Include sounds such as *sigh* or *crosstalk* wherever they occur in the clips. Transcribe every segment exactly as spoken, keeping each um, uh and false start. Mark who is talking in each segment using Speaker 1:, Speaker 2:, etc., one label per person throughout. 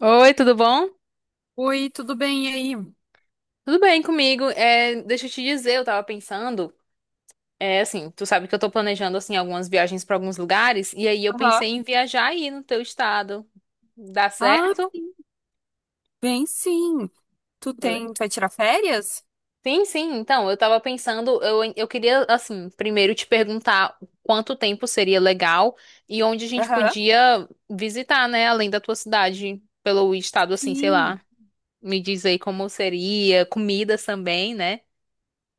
Speaker 1: Oi, tudo bom?
Speaker 2: Oi, tudo bem e aí?
Speaker 1: Tudo bem comigo? É, deixa eu te dizer, eu tava pensando, é assim, tu sabe que eu tô planejando assim algumas viagens pra alguns lugares e aí eu
Speaker 2: Aham.
Speaker 1: pensei em viajar aí no teu estado. Dá
Speaker 2: Ah,
Speaker 1: certo?
Speaker 2: sim, bem sim. Tu
Speaker 1: Le-
Speaker 2: tem, tu vai tirar férias?
Speaker 1: Sim, sim. Então, eu tava pensando, eu, eu queria assim, primeiro te perguntar quanto tempo seria legal e onde a gente
Speaker 2: Aham.
Speaker 1: podia visitar, né, além da tua cidade, pelo estado assim, sei
Speaker 2: Sim.
Speaker 1: lá. Me diz aí como seria, comidas também, né?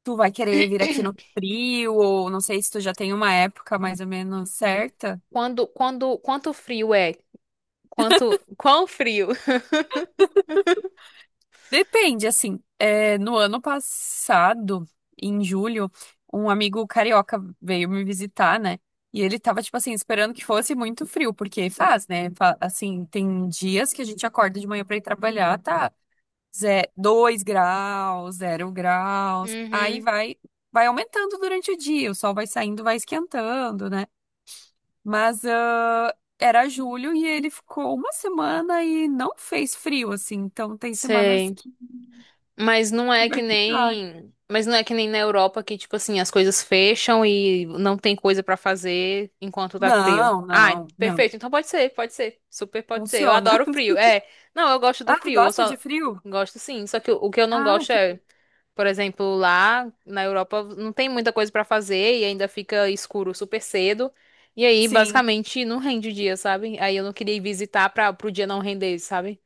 Speaker 2: Tu vai querer vir aqui no frio, ou não sei se tu já tem uma época mais ou menos certa.
Speaker 1: Quando, quando, quanto frio é? Quanto, quão frio.
Speaker 2: Depende, assim. É, no ano passado, em julho, um amigo carioca veio me visitar, né? E ele tava, tipo assim, esperando que fosse muito frio, porque faz, né? Fa- Assim, tem dias que a gente acorda de manhã pra ir trabalhar, tá. Ze- dois graus, zero graus. Aí
Speaker 1: Uhum.
Speaker 2: vai, vai, aumentando durante o dia, o sol vai saindo, vai esquentando, né? Mas ah, era julho e ele ficou uma semana e não fez frio, assim. Então tem semanas
Speaker 1: Sei.
Speaker 2: que,
Speaker 1: Mas não
Speaker 2: que
Speaker 1: é que
Speaker 2: vai ficar.
Speaker 1: nem, mas não é que nem na Europa que tipo assim, as coisas fecham e não tem coisa pra fazer enquanto tá frio.
Speaker 2: Não,
Speaker 1: Ai,
Speaker 2: não, não.
Speaker 1: perfeito. Então pode ser, pode ser. Super pode ser. Eu
Speaker 2: Funciona.
Speaker 1: adoro
Speaker 2: *laughs*
Speaker 1: frio. É. Não, eu gosto do
Speaker 2: Ah, tu
Speaker 1: frio. Eu
Speaker 2: gosta de
Speaker 1: só
Speaker 2: frio?
Speaker 1: gosto sim, só que o o que eu não
Speaker 2: Ah,
Speaker 1: gosto
Speaker 2: que
Speaker 1: é,
Speaker 2: bom.
Speaker 1: por exemplo, lá na Europa não tem muita coisa pra fazer e ainda fica escuro super cedo. E aí,
Speaker 2: Sim.
Speaker 1: basicamente, não rende o dia, sabe? Aí eu não queria ir visitar para pro dia não render, sabe?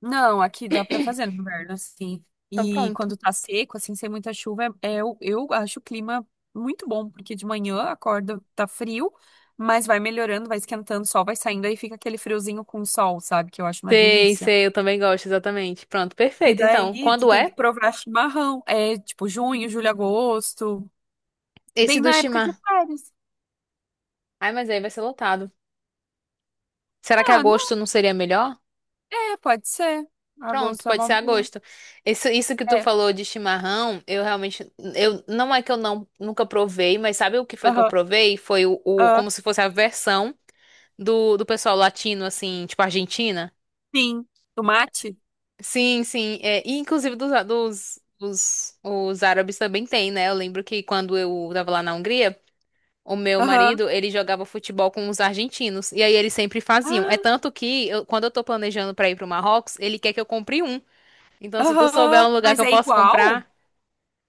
Speaker 2: Não, aqui dá pra fazer no inverno, assim.
Speaker 1: Então
Speaker 2: E
Speaker 1: pronto.
Speaker 2: quando tá seco, assim, sem muita chuva, é, é o- eu acho o clima muito bom, porque de manhã acorda, tá frio, mas vai melhorando, vai esquentando, o sol vai saindo, aí fica aquele friozinho com sol, sabe? Que eu acho uma
Speaker 1: Sei,
Speaker 2: delícia.
Speaker 1: sei, eu também gosto, exatamente. Pronto,
Speaker 2: E
Speaker 1: perfeito. Então,
Speaker 2: daí tu
Speaker 1: quando
Speaker 2: tem
Speaker 1: é?
Speaker 2: que provar chimarrão. É tipo junho, julho, agosto.
Speaker 1: Esse
Speaker 2: Bem
Speaker 1: do
Speaker 2: na época de
Speaker 1: Shimar.
Speaker 2: férias.
Speaker 1: Ai, mas aí vai ser lotado. Será que
Speaker 2: Ah, não.
Speaker 1: agosto não seria melhor?
Speaker 2: É, pode ser.
Speaker 1: Pronto,
Speaker 2: Agosto é
Speaker 1: pode
Speaker 2: uma
Speaker 1: ser
Speaker 2: boa.
Speaker 1: agosto. Isso, isso que tu
Speaker 2: É.
Speaker 1: falou de chimarrão, eu realmente, eu não é que eu não nunca provei, mas sabe o que foi que eu
Speaker 2: Aham.
Speaker 1: provei? Foi o, o-
Speaker 2: ah,
Speaker 1: como se fosse a versão do, do pessoal latino, assim, tipo Argentina.
Speaker 2: Sim. Tomate?
Speaker 1: Sim, sim. É, e inclusive dos, dos, dos os árabes também tem, né? Eu lembro que quando eu tava lá na Hungria. O meu
Speaker 2: Aham.
Speaker 1: marido, ele jogava futebol com os argentinos. E aí eles sempre faziam. É
Speaker 2: Ah,
Speaker 1: tanto que, eu- quando eu tô planejando pra ir pro Marrocos, ele quer que eu compre um. Então, se tu souber
Speaker 2: Aham,
Speaker 1: um lugar que
Speaker 2: mas
Speaker 1: eu
Speaker 2: é
Speaker 1: posso
Speaker 2: igual?
Speaker 1: comprar.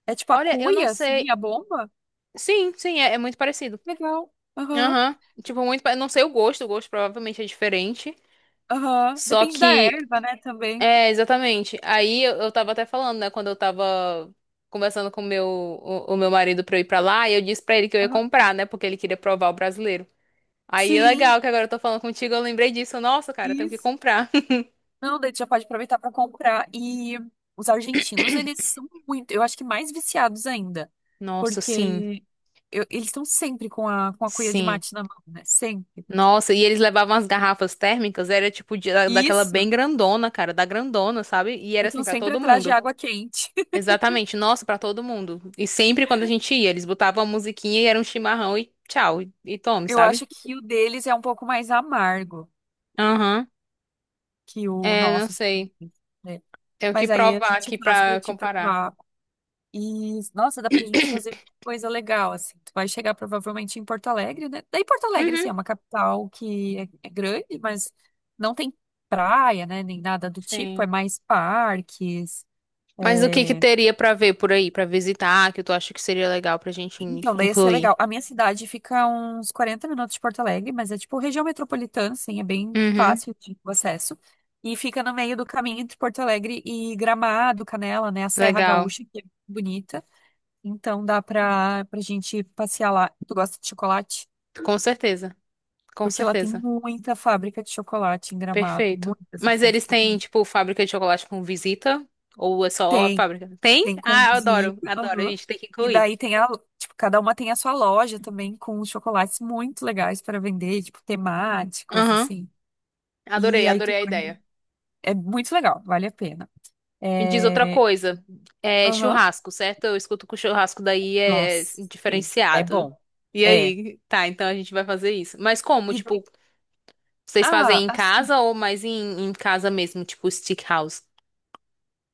Speaker 2: É tipo a
Speaker 1: Olha, eu não
Speaker 2: cuia, assim, a
Speaker 1: sei.
Speaker 2: bomba?
Speaker 1: Sim, sim, é, é muito parecido.
Speaker 2: Legal. Aham,
Speaker 1: Aham. Tipo, muito. Pa- não sei o gosto, o gosto provavelmente é diferente.
Speaker 2: aham.
Speaker 1: Só
Speaker 2: Depende da
Speaker 1: que.
Speaker 2: erva, né, também.
Speaker 1: É, exatamente. Aí eu, eu tava até falando, né, quando eu tava conversando com o meu, o, o meu marido pra eu ir pra lá, e eu disse pra ele que eu ia
Speaker 2: Aham.
Speaker 1: comprar, né? Porque ele queria provar o brasileiro. Aí,
Speaker 2: Sim,
Speaker 1: legal que agora eu tô falando contigo, eu lembrei disso. Nossa, cara, eu tenho que
Speaker 2: isso.
Speaker 1: comprar. *laughs*
Speaker 2: Não, daí tu já pode aproveitar para comprar. E os argentinos, eles são muito, eu acho que mais viciados ainda.
Speaker 1: Nossa, sim,
Speaker 2: Porque eu- eles estão sempre com a, com a, cuia de
Speaker 1: sim.
Speaker 2: mate na mão, né? Sempre.
Speaker 1: Nossa, e eles levavam as garrafas térmicas, era tipo de- da- daquela bem
Speaker 2: Isso.
Speaker 1: grandona, cara, da grandona, sabe? E era
Speaker 2: Aí
Speaker 1: assim
Speaker 2: estão
Speaker 1: pra
Speaker 2: sempre
Speaker 1: todo
Speaker 2: atrás de
Speaker 1: mundo.
Speaker 2: água quente. *laughs*
Speaker 1: Exatamente, nossa, pra todo mundo. E sempre quando a gente ia, eles botavam a musiquinha e era um chimarrão e tchau, e, e tome,
Speaker 2: Eu
Speaker 1: sabe?
Speaker 2: acho que o deles é um pouco mais amargo
Speaker 1: Aham.
Speaker 2: que o
Speaker 1: É, não
Speaker 2: nosso, assim,
Speaker 1: sei.
Speaker 2: né?
Speaker 1: Tenho que
Speaker 2: Mas aí a
Speaker 1: provar
Speaker 2: gente
Speaker 1: aqui
Speaker 2: faz pra
Speaker 1: pra
Speaker 2: te
Speaker 1: comparar.
Speaker 2: provar.
Speaker 1: *coughs*
Speaker 2: E, nossa, dá pra gente fazer
Speaker 1: *clears throat*
Speaker 2: coisa legal, assim. Tu vai chegar provavelmente em Porto Alegre, né? Daí Porto Alegre, assim,
Speaker 1: Uhum,
Speaker 2: é uma capital que é, é grande, mas não tem praia, né? Nem nada do tipo, é
Speaker 1: sim.
Speaker 2: mais parques.
Speaker 1: Mas o que que
Speaker 2: É.
Speaker 1: teria pra ver por aí, pra visitar, que tu acha que seria legal pra gente in-
Speaker 2: Então, daí ia ser
Speaker 1: incluir?
Speaker 2: legal. A minha cidade fica a uns quarenta minutos de Porto Alegre, mas é tipo região metropolitana, assim, é bem
Speaker 1: Uhum,
Speaker 2: fácil de o acesso. E fica no meio do caminho entre Porto Alegre e Gramado, Canela, né? A Serra
Speaker 1: legal.
Speaker 2: Gaúcha, que é bonita. Então dá pra, pra gente passear lá. Tu gosta de chocolate?
Speaker 1: Com certeza. Com
Speaker 2: Porque lá tem
Speaker 1: certeza.
Speaker 2: muita fábrica de chocolate em Gramado.
Speaker 1: Perfeito.
Speaker 2: Muitas,
Speaker 1: Mas
Speaker 2: assim,
Speaker 1: eles
Speaker 2: tipo,
Speaker 1: têm,
Speaker 2: tem,
Speaker 1: tipo, fábrica de chocolate com visita? Ou é só a
Speaker 2: tem,
Speaker 1: fábrica? Tem?
Speaker 2: tem com
Speaker 1: Ah, eu adoro,
Speaker 2: visita.
Speaker 1: adoro. A
Speaker 2: Aham.
Speaker 1: gente tem que
Speaker 2: E
Speaker 1: incluir.
Speaker 2: daí tem a, tipo, cada uma tem a sua loja também com chocolates muito legais para vender, tipo, temáticos,
Speaker 1: Aham.
Speaker 2: assim.
Speaker 1: Adorei,
Speaker 2: E aí
Speaker 1: adorei
Speaker 2: tu
Speaker 1: a
Speaker 2: vai-
Speaker 1: ideia.
Speaker 2: É muito legal, vale a pena.
Speaker 1: Me diz outra
Speaker 2: É...
Speaker 1: coisa. É
Speaker 2: Aham.
Speaker 1: churrasco, certo? Eu escuto que o churrasco daí é
Speaker 2: Nossa, sim, é
Speaker 1: diferenciado.
Speaker 2: bom.
Speaker 1: E
Speaker 2: É.
Speaker 1: aí? Tá, então a gente vai fazer isso. Mas como?
Speaker 2: E daí...
Speaker 1: Tipo, vocês fazem
Speaker 2: Ah,
Speaker 1: em
Speaker 2: assim.
Speaker 1: casa ou mais em, em casa mesmo, tipo stick house?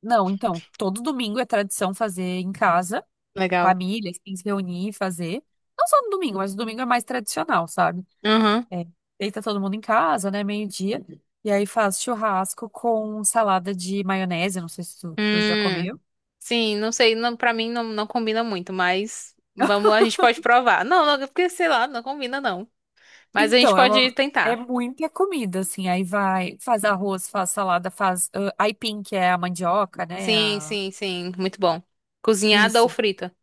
Speaker 2: Não, então, todo domingo é tradição fazer em casa.
Speaker 1: Legal.
Speaker 2: Família, assim, se reunir e fazer. Não só no domingo, mas o domingo é mais tradicional, sabe?
Speaker 1: Uhum.
Speaker 2: É, deita todo mundo em casa, né? Meio-dia. E aí faz churrasco com salada de maionese. Não sei se tu, tu já
Speaker 1: Hum,
Speaker 2: comeu.
Speaker 1: sim, não sei, não, para mim não, não combina muito, mas vamos, a gente pode provar. Não, não, porque sei lá, não combina não. Mas a gente
Speaker 2: Então, é
Speaker 1: pode
Speaker 2: uma. É
Speaker 1: tentar.
Speaker 2: muita comida, assim. Aí vai, faz arroz, faz salada, faz ah, aipim, que é a mandioca, né?
Speaker 1: Sim,
Speaker 2: a-
Speaker 1: sim, sim, muito bom. Cozinhada ou
Speaker 2: Isso.
Speaker 1: frita?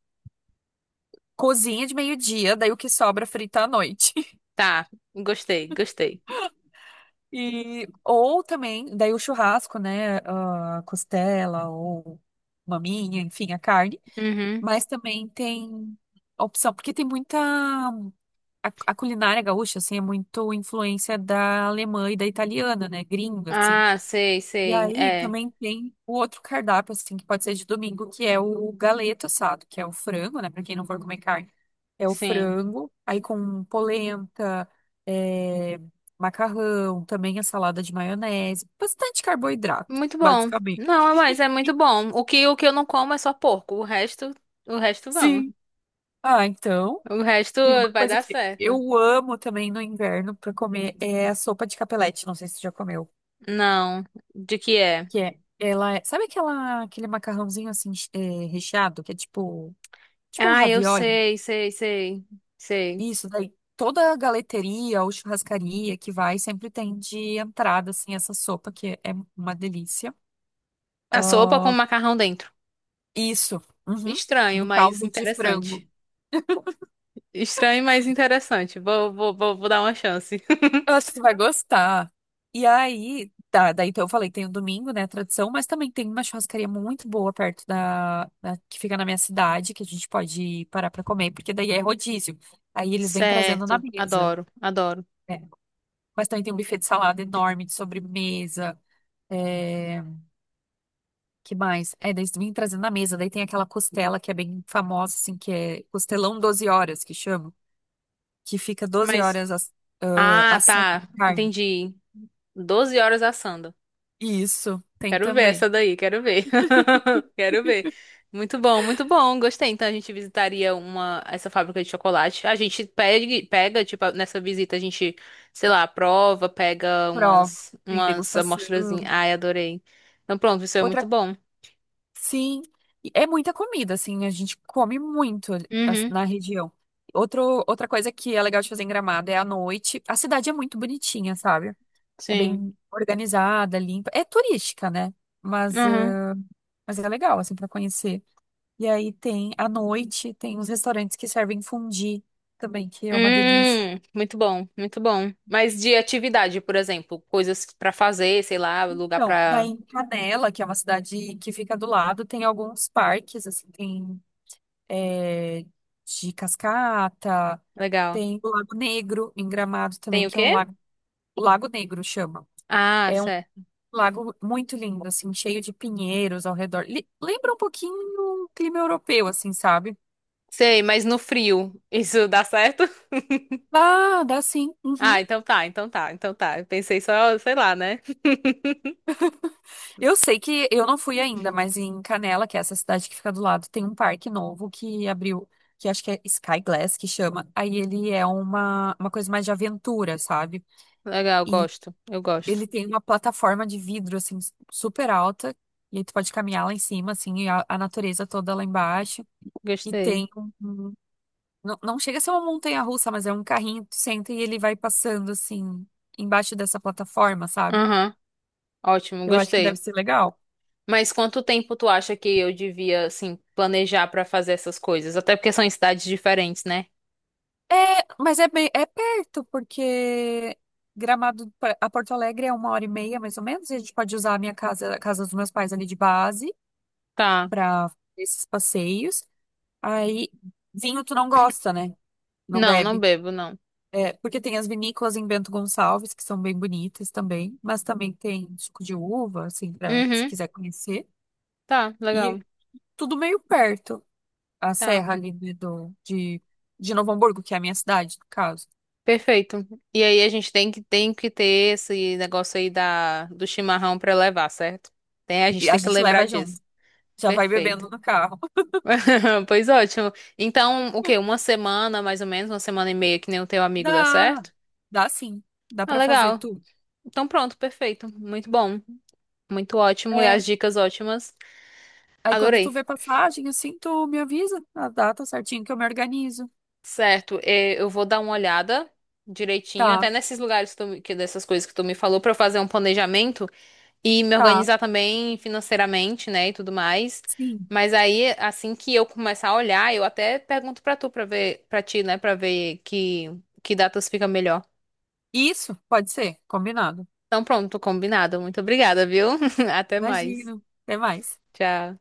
Speaker 2: Cozinha de meio-dia, daí o que sobra é frita à noite.
Speaker 1: Tá, gostei, gostei.
Speaker 2: E, ou também, daí o churrasco, né? A costela ou maminha, enfim, a carne.
Speaker 1: Uhum.
Speaker 2: Mas também tem a opção, porque tem muita. A, a culinária gaúcha, assim, é muito influência da alemã e da italiana, né? Gringa, assim.
Speaker 1: Ah, sei,
Speaker 2: E
Speaker 1: sei,
Speaker 2: aí
Speaker 1: é,
Speaker 2: também tem o outro cardápio, assim, que pode ser de domingo, que é o galeto assado, que é o frango, né? Pra quem não for comer carne, é o
Speaker 1: sim.
Speaker 2: frango, aí com polenta, é, macarrão, também a salada de maionese, bastante carboidrato,
Speaker 1: Muito bom.
Speaker 2: basicamente.
Speaker 1: Não, mas é muito bom. O que, o que eu não como é só porco, o resto, o resto vamos.
Speaker 2: Sim. Ah, então,
Speaker 1: O resto
Speaker 2: tem uma
Speaker 1: vai
Speaker 2: coisa
Speaker 1: dar
Speaker 2: que
Speaker 1: certo.
Speaker 2: eu amo também no inverno pra comer, é a sopa de capelete, não sei se você já comeu,
Speaker 1: Não. De que é?
Speaker 2: que é, ela é, sabe aquela, aquele macarrãozinho assim, eh, recheado, que é tipo, tipo um
Speaker 1: Ah, eu
Speaker 2: ravioli?
Speaker 1: sei, sei, sei, sei.
Speaker 2: Isso, daí toda a galeteria ou churrascaria que vai sempre tem de entrada, assim, essa sopa que é uma delícia.
Speaker 1: A sopa
Speaker 2: Ah,
Speaker 1: com macarrão dentro.
Speaker 2: isso, uhum,
Speaker 1: Estranho,
Speaker 2: no
Speaker 1: mas
Speaker 2: caldo de
Speaker 1: interessante.
Speaker 2: frango.
Speaker 1: Estranho, mas interessante. Vou, vou, vou, vou dar uma chance. *laughs*
Speaker 2: Eu acho que tu vai gostar. E aí, tá, daí então eu falei, tem o domingo, né, tradição, mas também tem uma churrascaria muito boa perto da, da- que fica na minha cidade, que a gente pode parar pra comer, porque daí é rodízio. Aí eles vêm trazendo na
Speaker 1: Certo.
Speaker 2: mesa,
Speaker 1: Adoro, adoro.
Speaker 2: né? Mas também tem um buffet de salada enorme, de sobremesa. eh, Que mais? É, daí vim trazer na mesa. Daí tem aquela costela que é bem famosa, assim, que é costelão doze horas, que chama. Que fica doze
Speaker 1: Mas.
Speaker 2: horas ass- ah,
Speaker 1: Ah,
Speaker 2: assando
Speaker 1: tá.
Speaker 2: a carne.
Speaker 1: Entendi. Doze horas assando.
Speaker 2: Isso, tem
Speaker 1: Quero ver
Speaker 2: também.
Speaker 1: essa daí, quero ver. *laughs* Quero ver. Muito bom, muito bom. Gostei. Então a gente visitaria uma essa fábrica de chocolate. A gente pega, pega, tipo, nessa visita a gente, sei lá, prova, pega
Speaker 2: Prova,
Speaker 1: umas
Speaker 2: tem
Speaker 1: umas
Speaker 2: degustação.
Speaker 1: amostrazinhas. Ai, adorei. Então pronto, isso é
Speaker 2: Outra,
Speaker 1: muito bom.
Speaker 2: sim. e É muita comida, assim, a gente come muito as-
Speaker 1: Uhum.
Speaker 2: na região. Outro, outra coisa que é legal de fazer em Gramado é à noite. A cidade é muito bonitinha, sabe? É
Speaker 1: Sim.
Speaker 2: bem organizada, limpa. É turística, né? Mas,
Speaker 1: Uhum.
Speaker 2: ah, mas é legal, assim, pra conhecer. E aí tem, à noite, tem uns restaurantes que servem fondue também, que é uma delícia.
Speaker 1: Hum, muito bom, muito bom. Mas de atividade, por exemplo, coisas pra fazer, sei lá, lugar
Speaker 2: Não, daí
Speaker 1: pra.
Speaker 2: em Canela, que é uma cidade que fica do lado, tem alguns parques, assim, tem é, de cascata,
Speaker 1: Legal.
Speaker 2: tem o Lago Negro em Gramado também,
Speaker 1: Tem o
Speaker 2: que é um
Speaker 1: quê?
Speaker 2: lago, o Lago Negro chama.
Speaker 1: Ah,
Speaker 2: É um
Speaker 1: certo.
Speaker 2: lago muito lindo, assim, cheio de pinheiros ao redor. Li- lembra um pouquinho o clima europeu, assim, sabe?
Speaker 1: Sei, mas no frio, isso dá certo? *laughs*
Speaker 2: Ah, dá sim.
Speaker 1: Ah,
Speaker 2: Uhum.
Speaker 1: então tá, então tá, então tá. Eu pensei só, sei lá, né?
Speaker 2: Eu sei que eu não fui ainda, mas em Canela, que é essa cidade que fica do lado, tem um parque novo que abriu, que acho que é Sky Glass que chama. Aí ele é uma, uma, coisa mais de aventura, sabe?
Speaker 1: Legal,
Speaker 2: E
Speaker 1: gosto, eu gosto.
Speaker 2: ele tem uma plataforma de vidro, assim, super alta. E aí tu pode caminhar lá em cima, assim, e a, a natureza toda lá embaixo. E
Speaker 1: Gostei.
Speaker 2: tem um. um- não, não chega a ser uma montanha-russa, mas é um carrinho que tu senta e ele vai passando, assim, embaixo dessa plataforma, sabe?
Speaker 1: Aham, ótimo,
Speaker 2: Eu acho que deve
Speaker 1: gostei.
Speaker 2: ser legal.
Speaker 1: Mas quanto tempo tu acha que eu devia, assim, planejar pra fazer essas coisas? Até porque são em cidades diferentes, né?
Speaker 2: É, mas é bem, é perto, porque Gramado pra- a Porto Alegre é uma hora e meia, mais ou menos, e a gente pode usar a minha casa, a casa dos meus pais ali de base
Speaker 1: Tá.
Speaker 2: para esses passeios. Aí, vinho tu não gosta, né? Não
Speaker 1: Não, não
Speaker 2: bebe.
Speaker 1: bebo, não.
Speaker 2: É, porque tem as vinícolas em Bento Gonçalves, que são bem bonitas também, mas também tem suco de uva, assim, pra, se
Speaker 1: Uhum,
Speaker 2: quiser conhecer.
Speaker 1: tá, legal.
Speaker 2: E tudo meio perto, a
Speaker 1: Tá,
Speaker 2: serra ali de, do, de, de Novo Hamburgo, que é a minha cidade, no caso.
Speaker 1: perfeito. E aí a gente tem que, tem que ter esse negócio aí da, do chimarrão pra levar, certo? Tem, a gente
Speaker 2: E a
Speaker 1: tem que
Speaker 2: gente
Speaker 1: lembrar
Speaker 2: leva
Speaker 1: disso.
Speaker 2: junto. Já vai
Speaker 1: Perfeito.
Speaker 2: bebendo no carro.
Speaker 1: *laughs* Pois ótimo. Então, o quê? Uma semana, mais ou menos, uma semana e meia, que nem o teu amigo dá
Speaker 2: Dá,
Speaker 1: certo?
Speaker 2: dá sim. Dá
Speaker 1: Ah,
Speaker 2: pra fazer
Speaker 1: legal.
Speaker 2: tu.
Speaker 1: Então pronto, perfeito. Muito bom. Muito ótimo. E
Speaker 2: É.
Speaker 1: as dicas ótimas.
Speaker 2: Aí quando tu
Speaker 1: Adorei.
Speaker 2: vê passagem, assim, tu me avisa a data certinho que eu me organizo.
Speaker 1: Certo, eh, eu vou dar uma olhada direitinho,
Speaker 2: Tá,
Speaker 1: até nesses lugares que tu, me- que dessas coisas que tu me falou, pra eu fazer um planejamento e me
Speaker 2: tá,
Speaker 1: organizar também financeiramente, né, e tudo mais.
Speaker 2: sim.
Speaker 1: Mas aí, assim que eu começar a olhar, eu até pergunto pra tu, pra ver, pra ti, né, pra ver que, que datas fica melhor.
Speaker 2: Isso, pode ser, combinado.
Speaker 1: Então pronto, combinado. Muito obrigada, viu? *laughs* Até mais.
Speaker 2: Imagino. Até mais.
Speaker 1: Tchau.